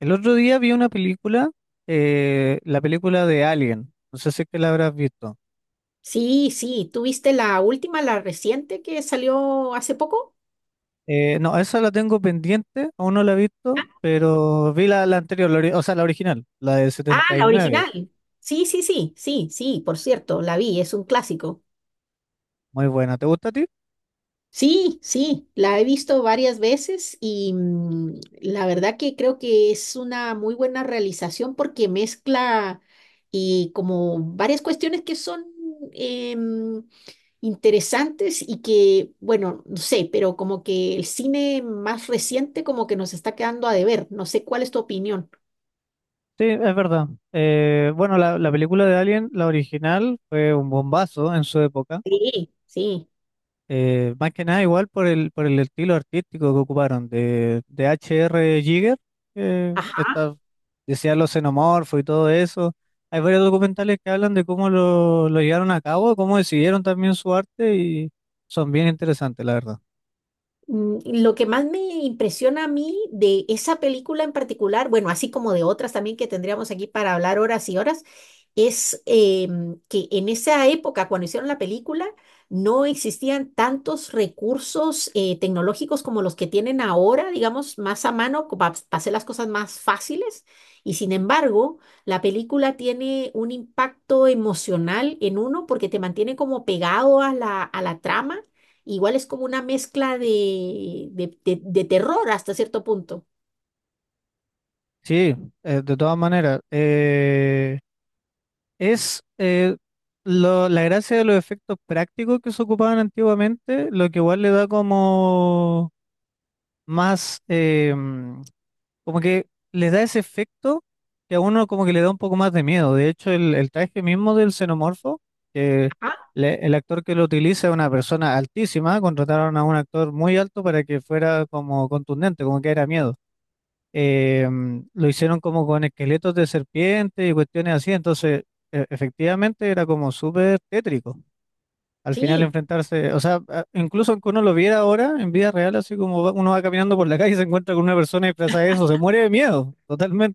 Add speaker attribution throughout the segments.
Speaker 1: El otro día vi una película, la película de Alien. No sé si es que la habrás visto.
Speaker 2: Sí, sí, ¿tú viste la última, la reciente que salió hace poco?
Speaker 1: No, esa la tengo pendiente, aún no la he visto,
Speaker 2: Ah,
Speaker 1: pero vi la anterior, o sea, la original, la del
Speaker 2: ah,
Speaker 1: setenta y
Speaker 2: la
Speaker 1: nueve.
Speaker 2: original. Sí, sí, sí, sí, sí, por cierto, la vi, es un clásico.
Speaker 1: Muy buena. ¿Te gusta a ti?
Speaker 2: Sí, sí, la he visto varias veces y la verdad que creo que es una muy buena realización porque mezcla y como varias cuestiones que son em, interesantes y que, bueno, no sé, pero como que el cine más reciente como que nos está quedando a deber. No sé cuál es tu opinión.
Speaker 1: Sí, es verdad. Bueno, la película de Alien, la original, fue un bombazo en su época.
Speaker 2: Sí, sí.
Speaker 1: Más que nada igual por el estilo artístico que ocuparon de H.R. Giger, que
Speaker 2: Ajá.
Speaker 1: está, decía los xenomorfos y todo eso. Hay varios documentales que hablan de cómo lo llevaron a cabo, cómo decidieron también su arte y son bien interesantes, la verdad.
Speaker 2: Lo que más me impresiona a mí de esa película en particular, bueno, así como de otras también que tendríamos aquí para hablar horas y horas, es que en esa época, cuando hicieron la película, no existían tantos recursos tecnológicos como los que tienen ahora, digamos, más a mano, para hacer las cosas más fáciles. Y sin embargo, la película tiene un impacto emocional en uno porque te mantiene como pegado a la trama. Igual es como una mezcla de terror hasta cierto punto.
Speaker 1: Sí, de todas maneras, es eh, la gracia de los efectos prácticos que se ocupaban antiguamente, lo que igual le da como más, como que le da ese efecto que a uno como que le da un poco más de miedo. De hecho, el traje mismo del xenomorfo, que
Speaker 2: Ajá,
Speaker 1: el actor que lo utiliza es una persona altísima. Contrataron a un actor muy alto para que fuera como contundente, como que era miedo. Lo hicieron como con esqueletos de serpiente y cuestiones así. Entonces efectivamente era como súper tétrico. Al final
Speaker 2: sí,
Speaker 1: enfrentarse, o sea, incluso aunque uno lo viera ahora en vida real, así como uno va caminando por la calle y se encuentra con una persona disfrazada de eso, se muere de miedo,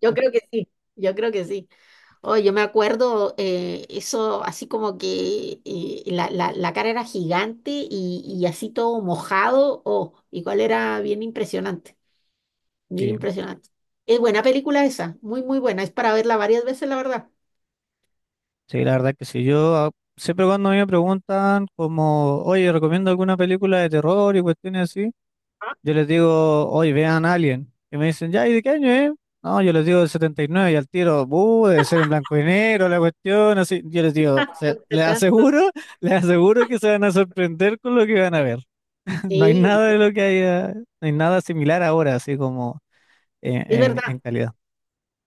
Speaker 2: yo creo que sí, yo creo que sí. Oh, yo me acuerdo eso así como que la cara era gigante y así todo mojado. Oh, igual era bien impresionante, bien
Speaker 1: Sí,
Speaker 2: impresionante. Es buena película esa, muy, muy buena. Es para verla varias veces, la verdad.
Speaker 1: sí, la verdad que sí. Yo siempre cuando a mí me preguntan como, oye, recomiendo alguna película de terror y cuestiones así, yo les digo, oye, vean Alien. Y me dicen, ya, ¿y de qué año es? No, yo les digo del 79 y nueve y al tiro: Debe ser en blanco y negro la cuestión, así». Yo les digo:
Speaker 2: Tanto,
Speaker 1: Les
Speaker 2: tanto.
Speaker 1: aseguro, les aseguro que se van a sorprender con lo que van a ver». No hay
Speaker 2: Sí,
Speaker 1: nada
Speaker 2: sí,
Speaker 1: de lo que haya, no hay nada similar ahora, así como en,
Speaker 2: es
Speaker 1: en- en
Speaker 2: verdad.
Speaker 1: calidad.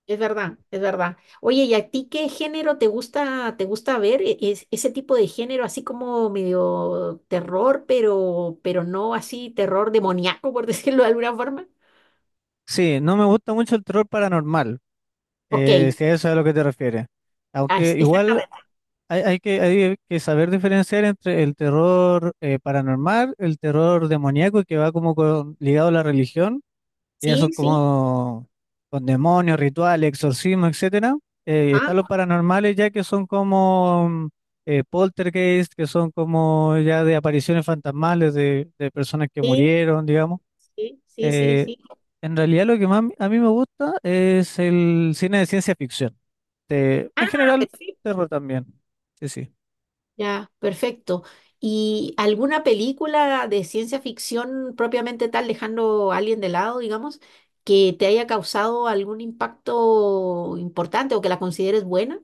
Speaker 2: Es verdad, es verdad. Oye, ¿y a ti qué género te gusta ver? Ese tipo de género, así como medio terror, pero no así terror demoníaco, por decirlo de alguna forma.
Speaker 1: Sí, no me gusta mucho el terror paranormal,
Speaker 2: Ok,
Speaker 1: si a eso es a lo que te refieres.
Speaker 2: ah,
Speaker 1: Aunque igual
Speaker 2: exactamente.
Speaker 1: hay que saber diferenciar entre el terror paranormal, el terror demoníaco, que va como ligado a la religión. Y eso
Speaker 2: Sí, sí.
Speaker 1: como con demonios, rituales, exorcismo, etcétera.
Speaker 2: Ah,
Speaker 1: Están los paranormales, ya que son como poltergeist, que son como ya de apariciones fantasmales de personas que
Speaker 2: sí,
Speaker 1: murieron, digamos.
Speaker 2: sí, sí, sí,
Speaker 1: Eh,
Speaker 2: sí.
Speaker 1: en realidad lo que más a mí me gusta es el cine de ciencia ficción. En
Speaker 2: Ah,
Speaker 1: general,
Speaker 2: perfecto.
Speaker 1: terror también. Sí, sí.
Speaker 2: Ya, perfecto. ¿Y alguna película de ciencia ficción propiamente tal, dejando a alguien de lado, digamos, que te haya causado algún impacto importante o que la consideres buena?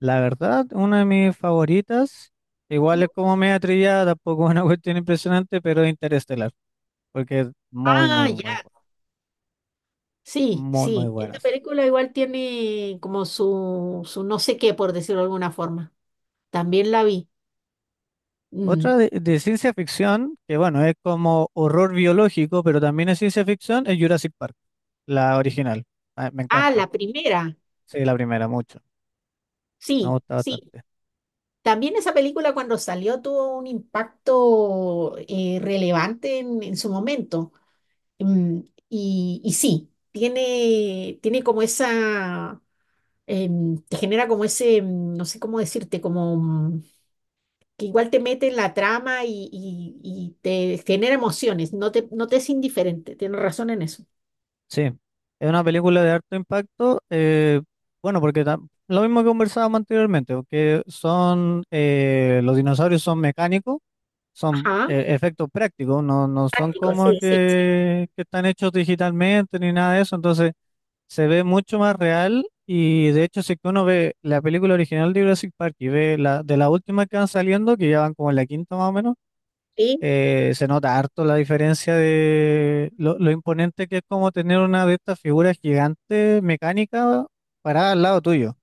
Speaker 1: La verdad, una de mis favoritas, igual
Speaker 2: ¿Mm?
Speaker 1: es como media trillada, tampoco es una cuestión impresionante, pero es Interestelar, porque es muy,
Speaker 2: Ah,
Speaker 1: muy, muy,
Speaker 2: ya, sí,
Speaker 1: muy, muy
Speaker 2: sí.
Speaker 1: buena,
Speaker 2: Esta
Speaker 1: sí.
Speaker 2: película igual tiene como su no sé qué, por decirlo de alguna forma. También la vi. Mm.
Speaker 1: Otra de ciencia ficción, que bueno, es como horror biológico, pero también es ciencia ficción, es Jurassic Park, la original. Ah, me
Speaker 2: Ah,
Speaker 1: encanta.
Speaker 2: la primera.
Speaker 1: Sí, la primera, mucho. Me
Speaker 2: Sí,
Speaker 1: gusta
Speaker 2: sí.
Speaker 1: bastante.
Speaker 2: También esa película cuando salió tuvo un impacto relevante en su momento. Mm, y sí, tiene como esa, te genera como ese, no sé cómo decirte, como que igual te mete en la trama y te genera emociones, no te es indiferente, tienes razón en eso.
Speaker 1: Sí, es una película de harto impacto. Bueno, porque lo mismo que conversábamos anteriormente, que son, los dinosaurios son mecánicos, son
Speaker 2: Ajá,
Speaker 1: efectos prácticos, no son
Speaker 2: práctico,
Speaker 1: como
Speaker 2: sí, sí, sí.
Speaker 1: que están hechos digitalmente ni nada de eso. Entonces se ve mucho más real, y de hecho, si que uno ve la película original de Jurassic Park y ve la de las últimas que van saliendo, que ya van como en la quinta más o menos, se nota harto la diferencia de lo imponente que es como tener una de estas figuras gigantes mecánicas parada al lado tuyo.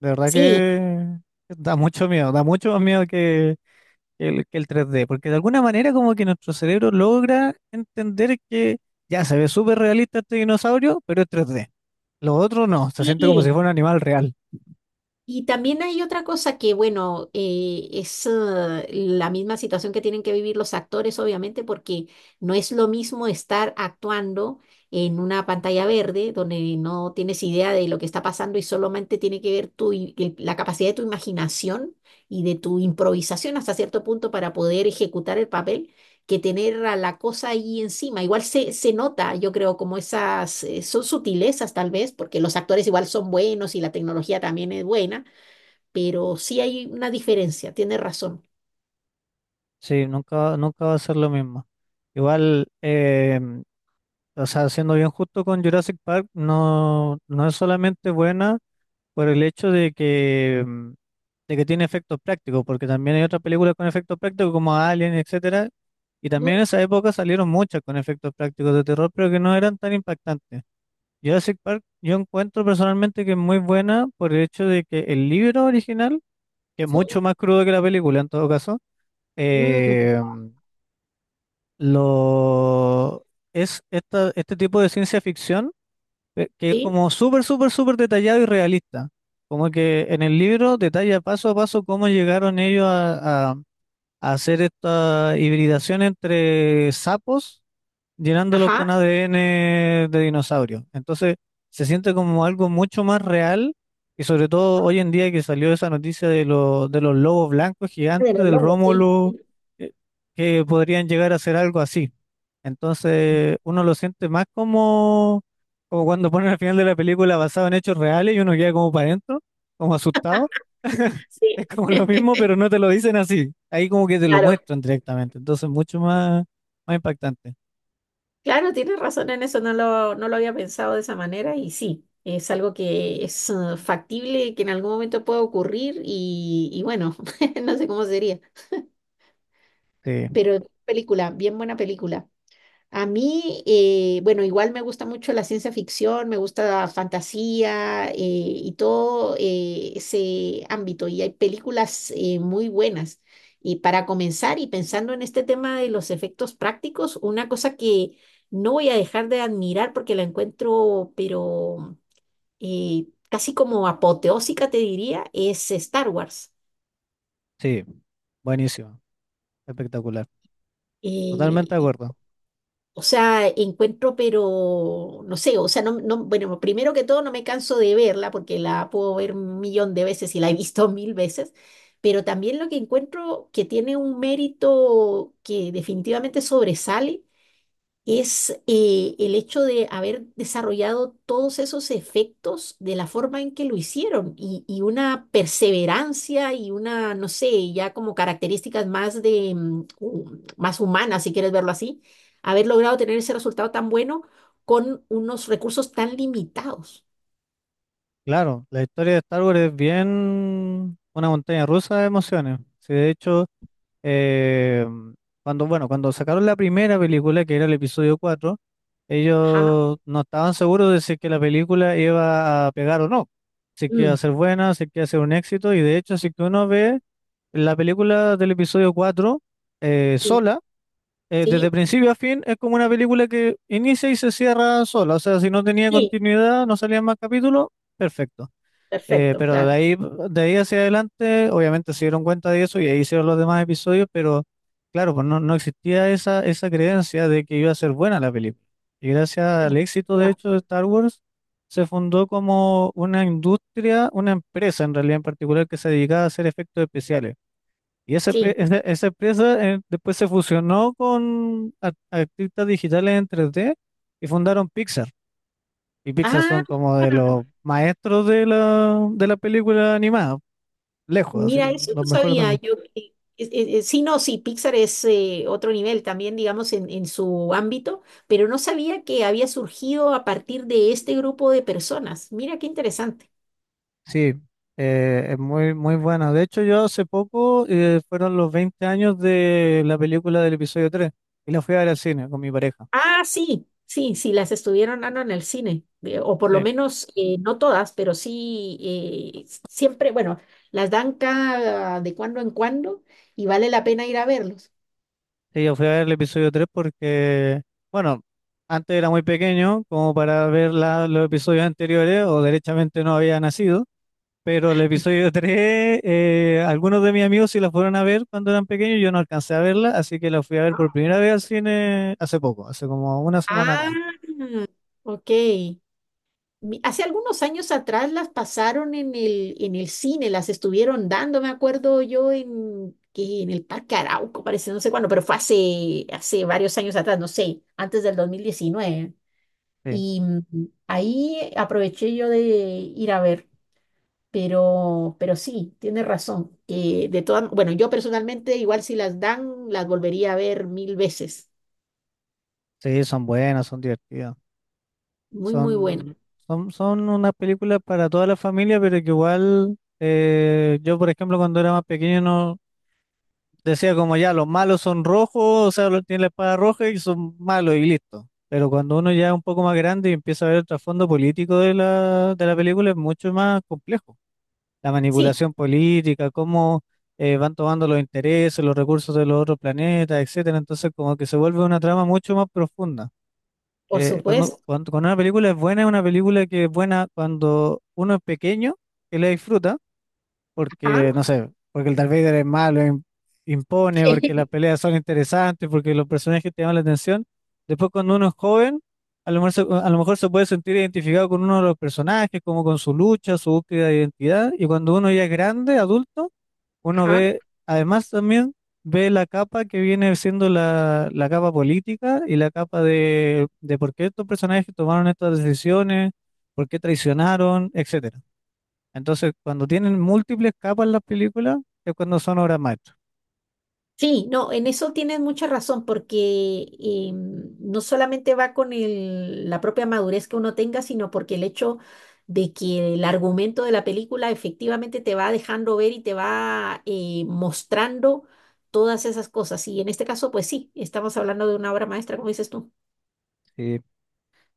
Speaker 1: De verdad
Speaker 2: Sí,
Speaker 1: que da mucho miedo, da mucho más miedo que el tres d, porque de alguna manera como que nuestro cerebro logra entender que ya se ve súper realista este dinosaurio, pero es 3D. Lo otro no, se
Speaker 2: sí,
Speaker 1: siente como si
Speaker 2: sí.
Speaker 1: fuera un animal real.
Speaker 2: Y también hay otra cosa que, bueno, es la misma situación que tienen que vivir los actores, obviamente, porque no es lo mismo estar actuando en una pantalla verde donde no tienes idea de lo que está pasando y solamente tiene que ver la capacidad de tu imaginación y de tu improvisación hasta cierto punto para poder ejecutar el papel, que tener a la cosa ahí encima. Igual se nota, yo creo, como esas, son sutilezas tal vez, porque los actores igual son buenos y la tecnología también es buena, pero sí hay una diferencia, tiene razón.
Speaker 1: Sí, nunca, nunca va a ser lo mismo. Igual, o sea, siendo bien justo con Jurassic Park, no es solamente buena por el hecho de que tiene efectos prácticos, porque también hay otras películas con efectos prácticos como Alien, etcétera, y
Speaker 2: Ujú.
Speaker 1: también en esa época salieron muchas con efectos prácticos de terror, pero que no eran tan impactantes. Jurassic Park, yo encuentro personalmente que es muy buena por el hecho de que el libro original, que es mucho
Speaker 2: Sí,
Speaker 1: más crudo que la película en todo caso,
Speaker 2: mm,
Speaker 1: Eh, lo, este tipo de ciencia ficción, que es
Speaker 2: sí,
Speaker 1: como súper, súper, súper detallado y realista. Como que en el libro detalla paso a paso cómo llegaron ellos a hacer esta hibridación entre sapos llenándolo con
Speaker 2: ajá,
Speaker 1: ADN de dinosaurio. Entonces se siente como algo mucho más real, y sobre todo hoy en día que salió esa noticia de los lobos blancos
Speaker 2: de
Speaker 1: gigantes,
Speaker 2: los
Speaker 1: del
Speaker 2: lobos, sí,
Speaker 1: Rómulo,
Speaker 2: sí,
Speaker 1: eh, que podrían llegar a ser algo así. Entonces uno lo siente más como cuando ponen al final de la película basado en hechos reales, y uno queda como para adentro, como asustado.
Speaker 2: sí.
Speaker 1: Es como lo mismo, pero no te lo dicen así. Ahí como que te lo
Speaker 2: Claro,
Speaker 1: muestran directamente. Entonces mucho más, más impactante.
Speaker 2: claro, tienes razón en eso, no lo había pensado de esa manera y sí, es algo que es factible, que en algún momento puede ocurrir y bueno, no sé cómo sería,
Speaker 1: Sí.
Speaker 2: pero película, bien buena película. A mí, bueno, igual me gusta mucho la ciencia ficción, me gusta la fantasía y todo ese ámbito. Y hay películas muy buenas. Y para comenzar, y pensando en este tema de los efectos prácticos, una cosa que no voy a dejar de admirar porque la encuentro, pero casi como apoteósica, te diría, es Star Wars.
Speaker 1: Sí, buenísimo, espectacular. Totalmente
Speaker 2: Eh,
Speaker 1: de acuerdo.
Speaker 2: O sea, encuentro, pero no sé, o sea, no, bueno, primero que todo no me canso de verla porque la puedo ver un millón de veces y la he visto mil veces, pero también lo que encuentro que tiene un mérito que definitivamente sobresale es el hecho de haber desarrollado todos esos efectos de la forma en que lo hicieron y una perseverancia y una, no sé, ya como características más humanas, si quieres verlo así, haber logrado tener ese resultado tan bueno con unos recursos tan limitados.
Speaker 1: Claro, la historia de Star Wars es bien una montaña rusa de emociones. Sí, de hecho, eh, cuando sacaron la primera película, que era el episodio 4,
Speaker 2: Ajá.
Speaker 1: ellos no estaban seguros de si que la película iba a pegar o no, si que iba a
Speaker 2: Mm,
Speaker 1: ser buena, si que iba a ser un éxito. Y de hecho, si que uno ve la película del episodio 4
Speaker 2: sí,
Speaker 1: sola,
Speaker 2: sí,
Speaker 1: desde principio a fin, es como una película que inicia y se cierra sola. O sea, si no tenía
Speaker 2: sí,
Speaker 1: continuidad, no salían más capítulos, perfecto.
Speaker 2: perfecto,
Speaker 1: Pero de
Speaker 2: claro.
Speaker 1: ahí, de ahí hacia adelante, obviamente se dieron cuenta de eso y ahí hicieron los demás episodios, pero claro, pues no existía esa creencia de que iba a ser buena la película. Y gracias al
Speaker 2: Sí,
Speaker 1: éxito, de
Speaker 2: claro,
Speaker 1: hecho, de Star Wars, se fundó como una industria, una empresa en realidad en particular que se dedicaba a hacer efectos especiales. Y esa,
Speaker 2: sí.
Speaker 1: pe- esa, esa empresa después se fusionó con artistas digitales en 3D y fundaron Pixar. Y Pixar son
Speaker 2: Ah,
Speaker 1: como de los maestros de la película animada, lejos, así
Speaker 2: mira,
Speaker 1: como
Speaker 2: eso
Speaker 1: los
Speaker 2: no
Speaker 1: mejores del
Speaker 2: sabía
Speaker 1: mundo.
Speaker 2: yo. Sí, no, sí, Pixar es otro nivel también, digamos, en su ámbito, pero no sabía que había surgido a partir de este grupo de personas. Mira qué interesante.
Speaker 1: Sí, es muy, muy buena. De hecho, yo hace poco, fueron los 20 años de la película del episodio tres, y la fui a ver al cine con mi pareja.
Speaker 2: Ah, sí, sí, sí, las estuvieron dando en el cine, o por lo
Speaker 1: Sí.
Speaker 2: menos no todas, pero sí, siempre, bueno, las dan cada de cuando en cuando y vale la pena ir a verlos.
Speaker 1: Sí, yo fui a ver el episodio 3 porque, bueno, antes era muy pequeño como para ver los episodios anteriores, o derechamente no había nacido, pero el episodio tres, algunos de mis amigos sí la fueron a ver cuando eran pequeños, yo no alcancé a verla, así que la fui a ver por primera vez al cine hace poco, hace como una semana atrás.
Speaker 2: Ah, ok. Hace algunos años atrás las pasaron en el cine, las estuvieron dando, me acuerdo yo, que en el Parque Arauco, parece, no sé cuándo, pero fue hace varios años atrás, no sé, antes del 2019.
Speaker 1: Sí,
Speaker 2: Y ahí aproveché yo de ir a ver, pero sí, tienes razón, que de todas, bueno, yo personalmente igual si las dan, las volvería a ver mil veces.
Speaker 1: sí, son buenas, son divertidas,
Speaker 2: Muy, muy
Speaker 1: son,
Speaker 2: buena.
Speaker 1: son unas películas para toda la familia, pero que igual, yo, por ejemplo, cuando era más pequeño no, decía como ya, los malos son rojos, o sea, los tienen la espada roja y son malos, y listo. Pero cuando uno ya es un poco más grande y empieza a ver el trasfondo político de la película, es mucho más complejo. La
Speaker 2: Sí,
Speaker 1: manipulación política, cómo van tomando los intereses, los recursos de los otros planetas, etcétera. Entonces, como que se vuelve una trama mucho más profunda.
Speaker 2: por
Speaker 1: Eh, cuando,
Speaker 2: supuesto.
Speaker 1: cuando, cuando una película es buena, es una película que es buena cuando uno es pequeño, que la disfruta porque,
Speaker 2: Ajá.
Speaker 1: no sé, porque el Darth Vader es malo, impone, porque las peleas son interesantes, porque los personajes te llaman la atención. Después, cuando uno es joven, a lo mejor se puede sentir identificado con uno de los personajes, como con su lucha, su búsqueda de identidad, y cuando uno ya es grande, adulto, uno
Speaker 2: Ajá.
Speaker 1: ve, además también ve la capa que viene siendo la capa política, y la capa de por qué estos personajes tomaron estas decisiones, por qué traicionaron, etcétera. Entonces, cuando tienen múltiples capas las películas, es cuando son obras maestras.
Speaker 2: Sí, no, en eso tienes mucha razón, porque no solamente va con la propia madurez que uno tenga, sino porque el hecho de que el argumento de la película efectivamente te va dejando ver y te va mostrando todas esas cosas. Y en este caso, pues sí, estamos hablando de una obra maestra, como dices tú.
Speaker 1: Sí,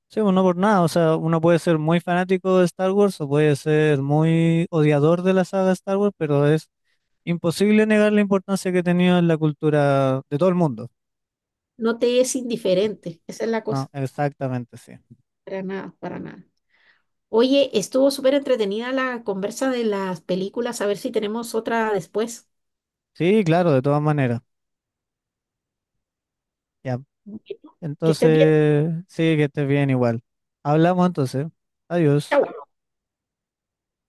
Speaker 1: sí, pues no por nada, o sea, uno puede ser muy fanático de Star Wars o puede ser muy odiador de la saga Star Wars, pero es imposible negar la importancia que ha tenido en la cultura de todo el mundo.
Speaker 2: No te es indiferente, esa es la
Speaker 1: No,
Speaker 2: cosa.
Speaker 1: exactamente, sí.
Speaker 2: Para nada, para nada. Oye, estuvo súper entretenida la conversa de las películas, a ver si tenemos otra después.
Speaker 1: Sí, claro, de todas maneras. Ya,
Speaker 2: Bueno. Que estés bien.
Speaker 1: entonces, sí, que estés bien igual. Hablamos entonces. Adiós.
Speaker 2: Chao.